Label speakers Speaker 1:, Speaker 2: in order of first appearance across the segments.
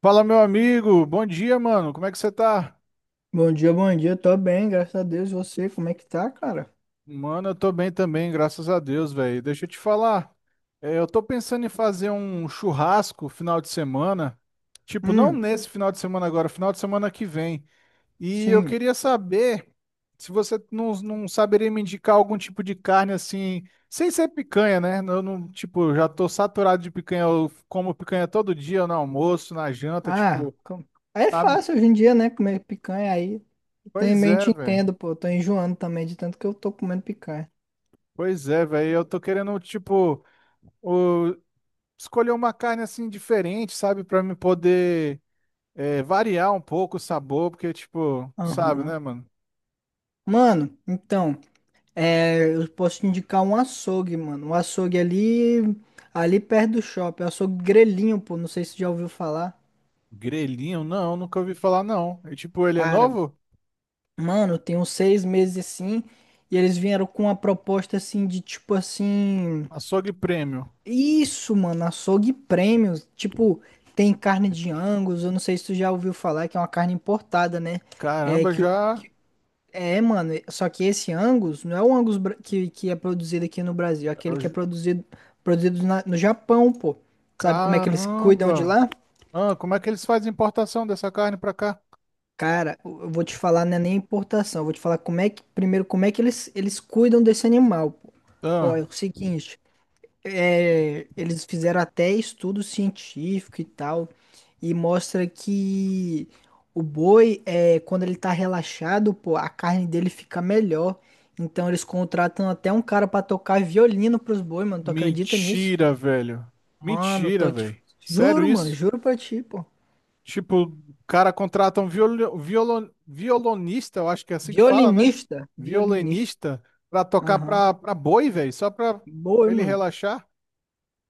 Speaker 1: Fala, meu amigo. Bom dia, mano. Como é que você tá?
Speaker 2: Bom dia, bom dia. Tô bem, graças a Deus. E Você, como é que tá, cara?
Speaker 1: Mano, eu tô bem também, graças a Deus, velho. Deixa eu te falar. Eu tô pensando em fazer um churrasco final de semana. Tipo, não
Speaker 2: Hum,
Speaker 1: nesse final de semana agora, final de semana que vem. E eu
Speaker 2: sim.
Speaker 1: queria saber se você não saberia me indicar algum tipo de carne assim, sem ser picanha, né? Eu não, tipo, já tô saturado de picanha. Eu como picanha todo dia, no almoço, na janta,
Speaker 2: Ah,
Speaker 1: tipo,
Speaker 2: com- É
Speaker 1: sabe?
Speaker 2: fácil hoje em dia, né? Comer picanha aí.
Speaker 1: Pois
Speaker 2: Também
Speaker 1: é,
Speaker 2: te
Speaker 1: velho.
Speaker 2: entendo, pô. Tô enjoando também de tanto que eu tô comendo picanha.
Speaker 1: Pois é, velho, eu tô querendo, tipo, o- escolher uma carne assim diferente, sabe? Pra me poder variar um pouco o sabor, porque, tipo, sabe,
Speaker 2: Aham.
Speaker 1: né, mano?
Speaker 2: Mano, então, eu posso te indicar um açougue, mano. Um açougue ali, ali perto do shopping. Um açougue grelhinho, pô. Não sei se você já ouviu falar.
Speaker 1: Grelhinho, não, nunca ouvi falar, não. E, tipo, ele é
Speaker 2: Cara,
Speaker 1: novo?
Speaker 2: mano, tem uns 6 meses assim. E eles vieram com uma proposta assim de tipo assim.
Speaker 1: Açougue premium.
Speaker 2: Isso, mano, açougue premium. Tipo, tem carne de Angus, eu não sei se tu já ouviu falar que é uma carne importada, né? É
Speaker 1: Caramba,
Speaker 2: que o-
Speaker 1: já.
Speaker 2: É, mano, só que esse Angus não é o Angus que é produzido aqui no Brasil, é aquele
Speaker 1: eu
Speaker 2: que é
Speaker 1: ju-
Speaker 2: produzido no Japão, pô. Sabe como é que eles cuidam de
Speaker 1: Caramba!
Speaker 2: lá?
Speaker 1: Ah, como é que eles fazem importação dessa carne pra cá?
Speaker 2: Cara, eu vou te falar, não é nem importação, eu vou te falar como é que primeiro como é que eles cuidam desse animal, pô. Ó, é
Speaker 1: Ah,
Speaker 2: o seguinte, eles fizeram até estudo científico e tal, e mostra que o boi, quando ele tá relaxado, pô, a carne dele fica melhor. Então eles contratam até um cara pra tocar violino pros boi, mano. Tu acredita nisso?
Speaker 1: mentira, velho.
Speaker 2: Mano,
Speaker 1: Mentira,
Speaker 2: tô te...
Speaker 1: velho. Sério
Speaker 2: Juro, mano,
Speaker 1: isso?
Speaker 2: juro pra ti, pô.
Speaker 1: Tipo, o cara contrata um violonista, eu acho que é assim que fala, né?
Speaker 2: Violinista, violinista.
Speaker 1: Violinista, pra tocar
Speaker 2: Aham.
Speaker 1: pra boi, velho, só pra
Speaker 2: Boi,
Speaker 1: ele
Speaker 2: mano.
Speaker 1: relaxar.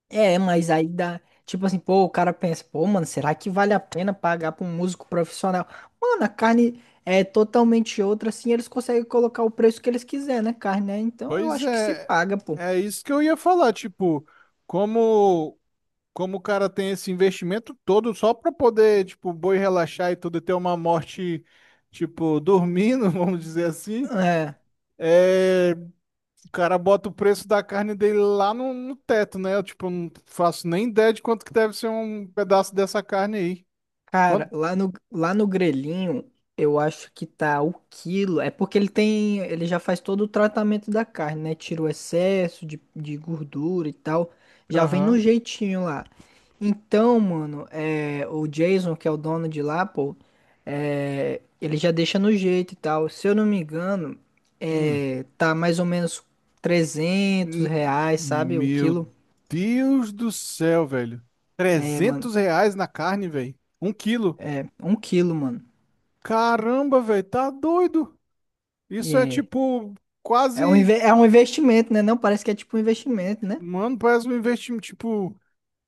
Speaker 2: É, mas aí dá. Tipo assim, pô, o cara pensa, pô, mano, será que vale a pena pagar pra um músico profissional? Mano, a carne é totalmente outra, assim, eles conseguem colocar o preço que eles quiser, né? Carne, né? Então eu
Speaker 1: Pois
Speaker 2: acho que se
Speaker 1: é,
Speaker 2: paga, pô.
Speaker 1: é isso que eu ia falar, tipo, como como o cara tem esse investimento todo só para poder, tipo, o boi relaxar e tudo, e ter uma morte, tipo, dormindo, vamos dizer assim.
Speaker 2: É.
Speaker 1: é, O cara bota o preço da carne dele lá no teto, né? Eu, tipo, eu não faço nem ideia de quanto que deve ser um pedaço dessa carne aí.
Speaker 2: Cara,
Speaker 1: Quanto?
Speaker 2: lá no grelhinho, eu acho que tá o quilo. É porque ele tem, ele já faz todo o tratamento da carne, né? Tira o excesso de gordura e tal. Já vem no
Speaker 1: Aham.
Speaker 2: jeitinho lá. Então, mano, o Jason, que é o dono de lá, pô, ele já deixa no jeito e tal. Se eu não me engano,
Speaker 1: Hum.
Speaker 2: tá mais ou menos trezentos
Speaker 1: Hum.
Speaker 2: reais, sabe? O
Speaker 1: Meu
Speaker 2: quilo.
Speaker 1: Deus do céu, velho.
Speaker 2: É, mano,
Speaker 1: R$ 300 na carne, velho. 1 quilo.
Speaker 2: um quilo, mano.
Speaker 1: Caramba, velho. Tá doido. Isso é
Speaker 2: É.
Speaker 1: tipo
Speaker 2: É um,
Speaker 1: quase.
Speaker 2: é um investimento, né? Não parece que é tipo um investimento, né?
Speaker 1: Mano, parece um investimento. Tipo,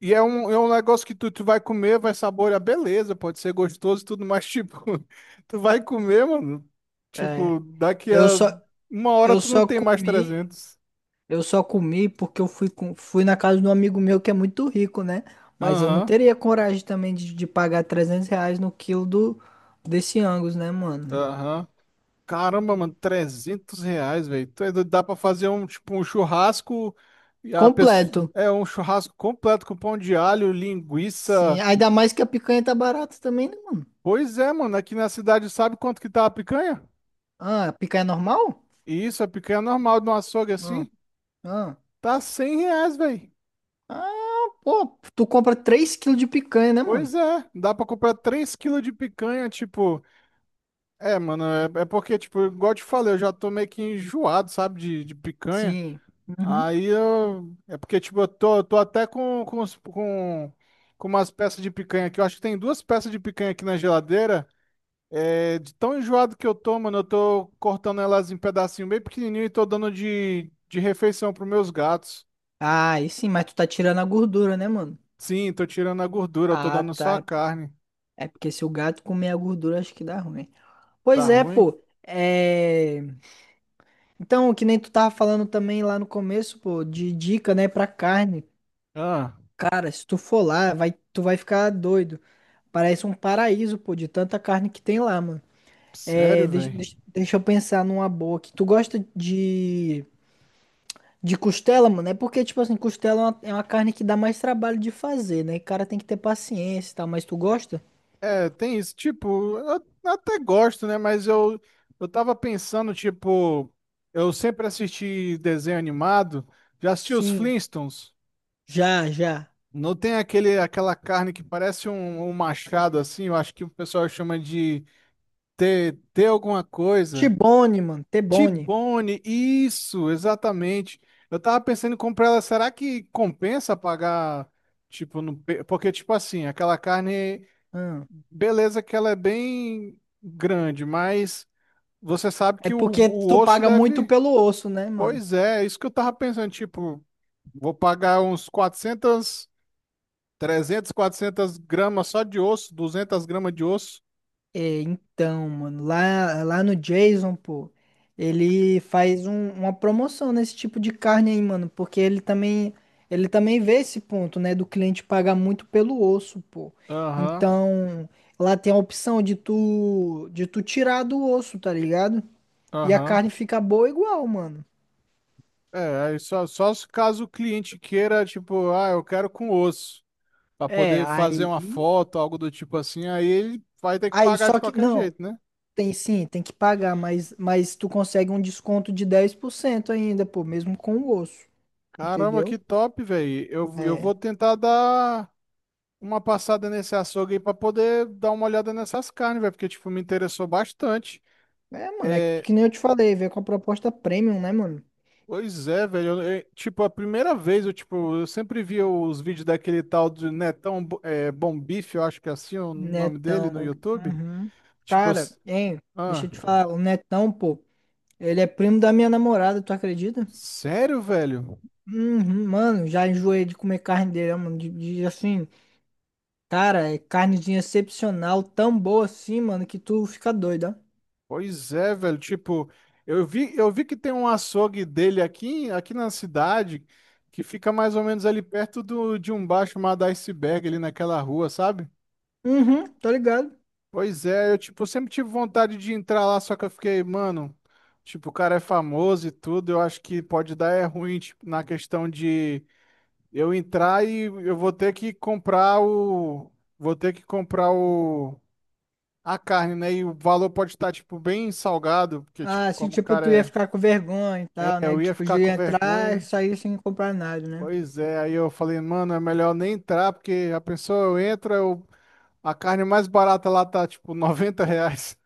Speaker 1: e é um negócio que tu vai comer, vai saborear, beleza, pode ser gostoso e tudo, mas tipo, tu vai comer, mano,
Speaker 2: É.
Speaker 1: tipo, daqui
Speaker 2: Eu
Speaker 1: a
Speaker 2: só,
Speaker 1: 1 hora
Speaker 2: eu
Speaker 1: tu não
Speaker 2: só
Speaker 1: tem mais
Speaker 2: comi,
Speaker 1: 300.
Speaker 2: eu só comi porque eu fui, fui na casa de um amigo meu que é muito rico, né? Mas eu não
Speaker 1: Aham,
Speaker 2: teria coragem também de pagar R$ 300 no quilo do, desse Angus, né, mano?
Speaker 1: aham. Caramba, mano, R$ 300, velho. Tu é doido. Dá pra fazer um, tipo, um churrasco, e a pessoa,
Speaker 2: Completo.
Speaker 1: é um churrasco completo com pão de alho,
Speaker 2: Sim,
Speaker 1: linguiça.
Speaker 2: ainda mais que a picanha tá barata também, né, mano?
Speaker 1: Pois é, mano, aqui na cidade sabe quanto que tá a picanha?
Speaker 2: Ah, a picanha normal?
Speaker 1: Isso, a picanha normal de um açougue
Speaker 2: Ah,
Speaker 1: assim,
Speaker 2: ah.
Speaker 1: tá R$ 100, velho.
Speaker 2: Ah, pô, tu compra 3 quilos de picanha, né, mano?
Speaker 1: Pois é, dá pra comprar 3 quilos de picanha, tipo. É, mano, é porque, tipo, igual eu te falei, eu já tô meio que enjoado, sabe, de picanha.
Speaker 2: Sim. Uhum.
Speaker 1: Aí eu. É porque, tipo, eu tô até com umas peças de picanha aqui. Eu acho que tem duas peças de picanha aqui na geladeira. É, de tão enjoado que eu tô, mano, eu tô cortando elas em pedacinho bem pequenininho e tô dando de refeição pros meus gatos.
Speaker 2: Ah, aí sim, mas tu tá tirando a gordura, né, mano?
Speaker 1: Sim, tô tirando a gordura, eu tô
Speaker 2: Ah,
Speaker 1: dando só a
Speaker 2: tá.
Speaker 1: carne.
Speaker 2: É porque se o gato comer a gordura, acho que dá ruim.
Speaker 1: Tá
Speaker 2: Pois é,
Speaker 1: ruim?
Speaker 2: pô. É... Então, que nem tu tava falando também lá no começo, pô, de dica, né, pra carne.
Speaker 1: Ah,
Speaker 2: Cara, se tu for lá, vai, tu vai ficar doido. Parece um paraíso, pô, de tanta carne que tem lá, mano.
Speaker 1: sério,
Speaker 2: É, deixa,
Speaker 1: velho.
Speaker 2: deixa, deixa eu pensar numa boa aqui. Tu gosta de costela, mano? É porque, tipo assim, costela é uma carne que dá mais trabalho de fazer, né? O cara tem que ter paciência e tal, mas tu gosta?
Speaker 1: É, tem isso. Tipo, eu até gosto, né? Mas eu tava pensando, tipo, eu sempre assisti desenho animado, já assisti os
Speaker 2: Sim,
Speaker 1: Flintstones.
Speaker 2: já, já.
Speaker 1: Não tem aquele, aquela carne que parece um machado, assim, eu acho que o pessoal chama de ter alguma coisa.
Speaker 2: T-bone, mano, T-bone.
Speaker 1: T-bone, isso, exatamente. Eu tava pensando em comprar ela, será que compensa pagar, tipo, no, pe- porque, tipo assim, aquela carne.
Speaker 2: Ah,
Speaker 1: Beleza que ela é bem grande, mas você sabe
Speaker 2: é
Speaker 1: que o,
Speaker 2: porque
Speaker 1: o
Speaker 2: tu
Speaker 1: osso
Speaker 2: paga muito
Speaker 1: deve.
Speaker 2: pelo osso, né, mano?
Speaker 1: Pois é, é isso que eu tava pensando, tipo, vou pagar uns 400, 300, 400 gramas só de osso, 200 gramas de osso.
Speaker 2: É, então, mano, lá, lá no Jason, pô, ele faz uma promoção nesse tipo de carne aí, mano, porque ele também vê esse ponto, né, do cliente pagar muito pelo osso, pô.
Speaker 1: Aham,
Speaker 2: Então, lá tem a opção de tu tirar do osso, tá ligado? E a
Speaker 1: aham.
Speaker 2: carne fica boa igual, mano.
Speaker 1: É, aí só se caso o cliente queira, tipo, ah, eu quero com osso, pra
Speaker 2: É,
Speaker 1: poder fazer uma
Speaker 2: aí,
Speaker 1: foto, algo do tipo assim, aí ele vai ter que
Speaker 2: aí,
Speaker 1: pagar de
Speaker 2: só que,
Speaker 1: qualquer
Speaker 2: não.
Speaker 1: jeito, né?
Speaker 2: Tem sim, tem que pagar, mas tu consegue um desconto de 10% ainda, pô, mesmo com o osso,
Speaker 1: Caramba, que
Speaker 2: entendeu?
Speaker 1: top, velho. Eu
Speaker 2: É,
Speaker 1: vou tentar dar uma passada nesse açougue aí pra poder dar uma olhada nessas carnes, velho, porque, tipo, me interessou bastante.
Speaker 2: é, mano, é
Speaker 1: É,
Speaker 2: que nem eu te falei, veio com a proposta premium, né, mano?
Speaker 1: pois é, velho, tipo, a primeira vez, eu, tipo, eu sempre via os vídeos daquele tal de Netão Bom Bife, eu acho que é assim o nome dele
Speaker 2: Netão,
Speaker 1: no YouTube.
Speaker 2: uhum.
Speaker 1: Tipo, eu,
Speaker 2: Cara, hein, deixa
Speaker 1: ah,
Speaker 2: eu te falar, o Netão, pô, ele é primo da minha namorada, tu acredita?
Speaker 1: sério, velho?
Speaker 2: Uhum, mano, já enjoei de comer carne dele, ó, mano, assim, cara, é carnezinha excepcional, tão boa assim, mano, que tu fica doido, ó.
Speaker 1: Pois é, velho, tipo, eu vi que tem um açougue dele aqui na cidade, que fica mais ou menos ali perto de um bar chamado Iceberg, ali naquela rua, sabe?
Speaker 2: Uhum, tô ligado.
Speaker 1: Pois é, eu tipo, sempre tive vontade de entrar lá, só que eu fiquei, mano, tipo, o cara é famoso e tudo, eu acho que pode dar é ruim, tipo, na questão de eu entrar e eu vou ter que comprar o vou ter que comprar o a carne, né? E o valor pode estar tipo bem salgado, porque tipo,
Speaker 2: Ah, se
Speaker 1: como o
Speaker 2: tipo, tu ia
Speaker 1: cara
Speaker 2: ficar com vergonha e tal, né?
Speaker 1: eu ia
Speaker 2: Tipo,
Speaker 1: ficar
Speaker 2: de
Speaker 1: com
Speaker 2: entrar e
Speaker 1: vergonha.
Speaker 2: sair sem comprar nada, né?
Speaker 1: Pois é, aí eu falei, mano, é melhor nem entrar, porque a pessoa eu entro, eu. A carne mais barata lá tá tipo R$ 90.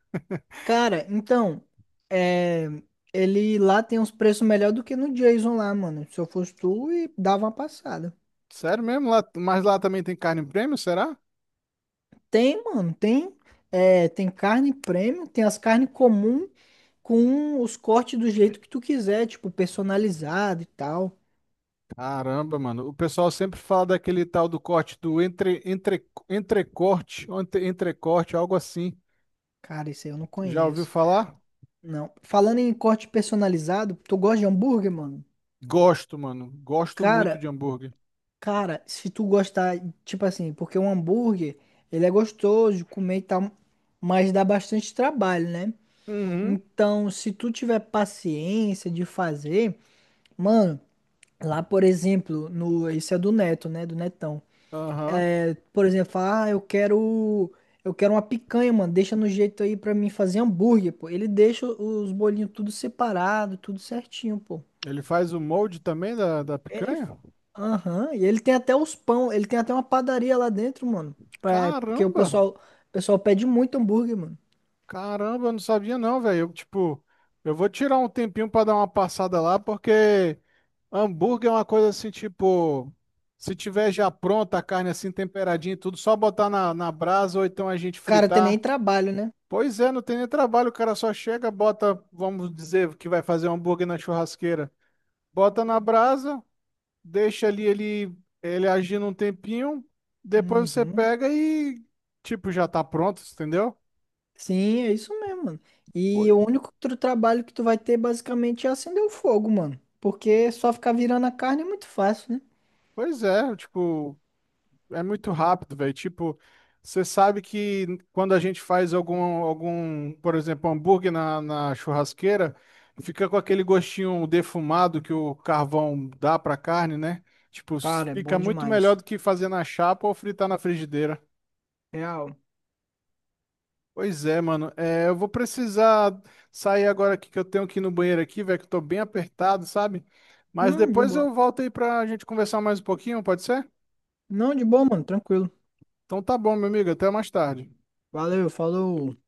Speaker 2: Cara, então, é, ele lá tem uns preços melhor do que no Jason lá, mano. Se eu fosse tu, e dava uma passada.
Speaker 1: Sério mesmo? Lá, mas lá também tem carne prêmio será?
Speaker 2: Tem, mano, tem, tem carne premium, tem as carnes comum com os cortes do jeito que tu quiser, tipo, personalizado e tal.
Speaker 1: Caramba, mano. O pessoal sempre fala daquele tal do corte do entrecorte, ou entrecorte, algo assim.
Speaker 2: Cara, isso aí eu não
Speaker 1: Já ouviu
Speaker 2: conheço.
Speaker 1: falar?
Speaker 2: Não. Falando em corte personalizado, tu gosta de hambúrguer, mano?
Speaker 1: Gosto, mano. Gosto muito
Speaker 2: Cara,
Speaker 1: de hambúrguer.
Speaker 2: cara, se tu gostar, tipo assim, porque um hambúrguer, ele é gostoso de comer e tal, mas dá bastante trabalho, né?
Speaker 1: Uhum.
Speaker 2: Então, se tu tiver paciência de fazer, mano, lá, por exemplo, no, isso é do Neto, né? Do Netão.
Speaker 1: Aham.
Speaker 2: É por exemplo, fala, ah, eu quero uma picanha, mano, deixa no jeito aí pra mim fazer hambúrguer, pô. Ele deixa os bolinhos tudo separado, tudo certinho, pô.
Speaker 1: Ele faz o molde também da
Speaker 2: Ele.
Speaker 1: picanha?
Speaker 2: Aham, e ele tem até os pão, ele tem até uma padaria lá dentro, mano. Pra... Porque
Speaker 1: Caramba!
Speaker 2: o pessoal pede muito hambúrguer, mano.
Speaker 1: Caramba, eu não sabia não, velho. Eu, tipo, eu vou tirar um tempinho pra dar uma passada lá, porque hambúrguer é uma coisa assim, tipo, se tiver já pronta a carne assim temperadinha e tudo, só botar na brasa ou então a gente
Speaker 2: Cara tem nem
Speaker 1: fritar.
Speaker 2: trabalho, né?
Speaker 1: Pois é, não tem nem trabalho, o cara só chega, bota, vamos dizer que vai fazer um hambúrguer na churrasqueira. Bota na brasa, deixa ali ele agindo um tempinho, depois você
Speaker 2: Uhum.
Speaker 1: pega e, tipo, já tá pronto, entendeu?
Speaker 2: Sim, é isso mesmo, mano. E
Speaker 1: Pois
Speaker 2: o único outro trabalho que tu vai ter basicamente é acender o fogo, mano. Porque só ficar virando a carne é muito fácil, né?
Speaker 1: pois é, tipo. É muito rápido, velho. Tipo, você sabe que quando a gente faz algum, por exemplo, hambúrguer na churrasqueira, fica com aquele gostinho defumado que o carvão dá pra carne, né? Tipo,
Speaker 2: Cara, é bom
Speaker 1: fica muito melhor
Speaker 2: demais.
Speaker 1: do que fazer na chapa ou fritar na frigideira.
Speaker 2: Real.
Speaker 1: Pois é, mano. É, eu vou precisar sair agora aqui que eu tenho que ir no banheiro aqui, velho, que eu tô bem apertado, sabe? Mas
Speaker 2: De
Speaker 1: depois
Speaker 2: boa.
Speaker 1: eu volto aí pra gente conversar mais um pouquinho, pode ser?
Speaker 2: Não, de boa, mano. Tranquilo.
Speaker 1: Então tá bom, meu amigo. Até mais tarde.
Speaker 2: Valeu, falou.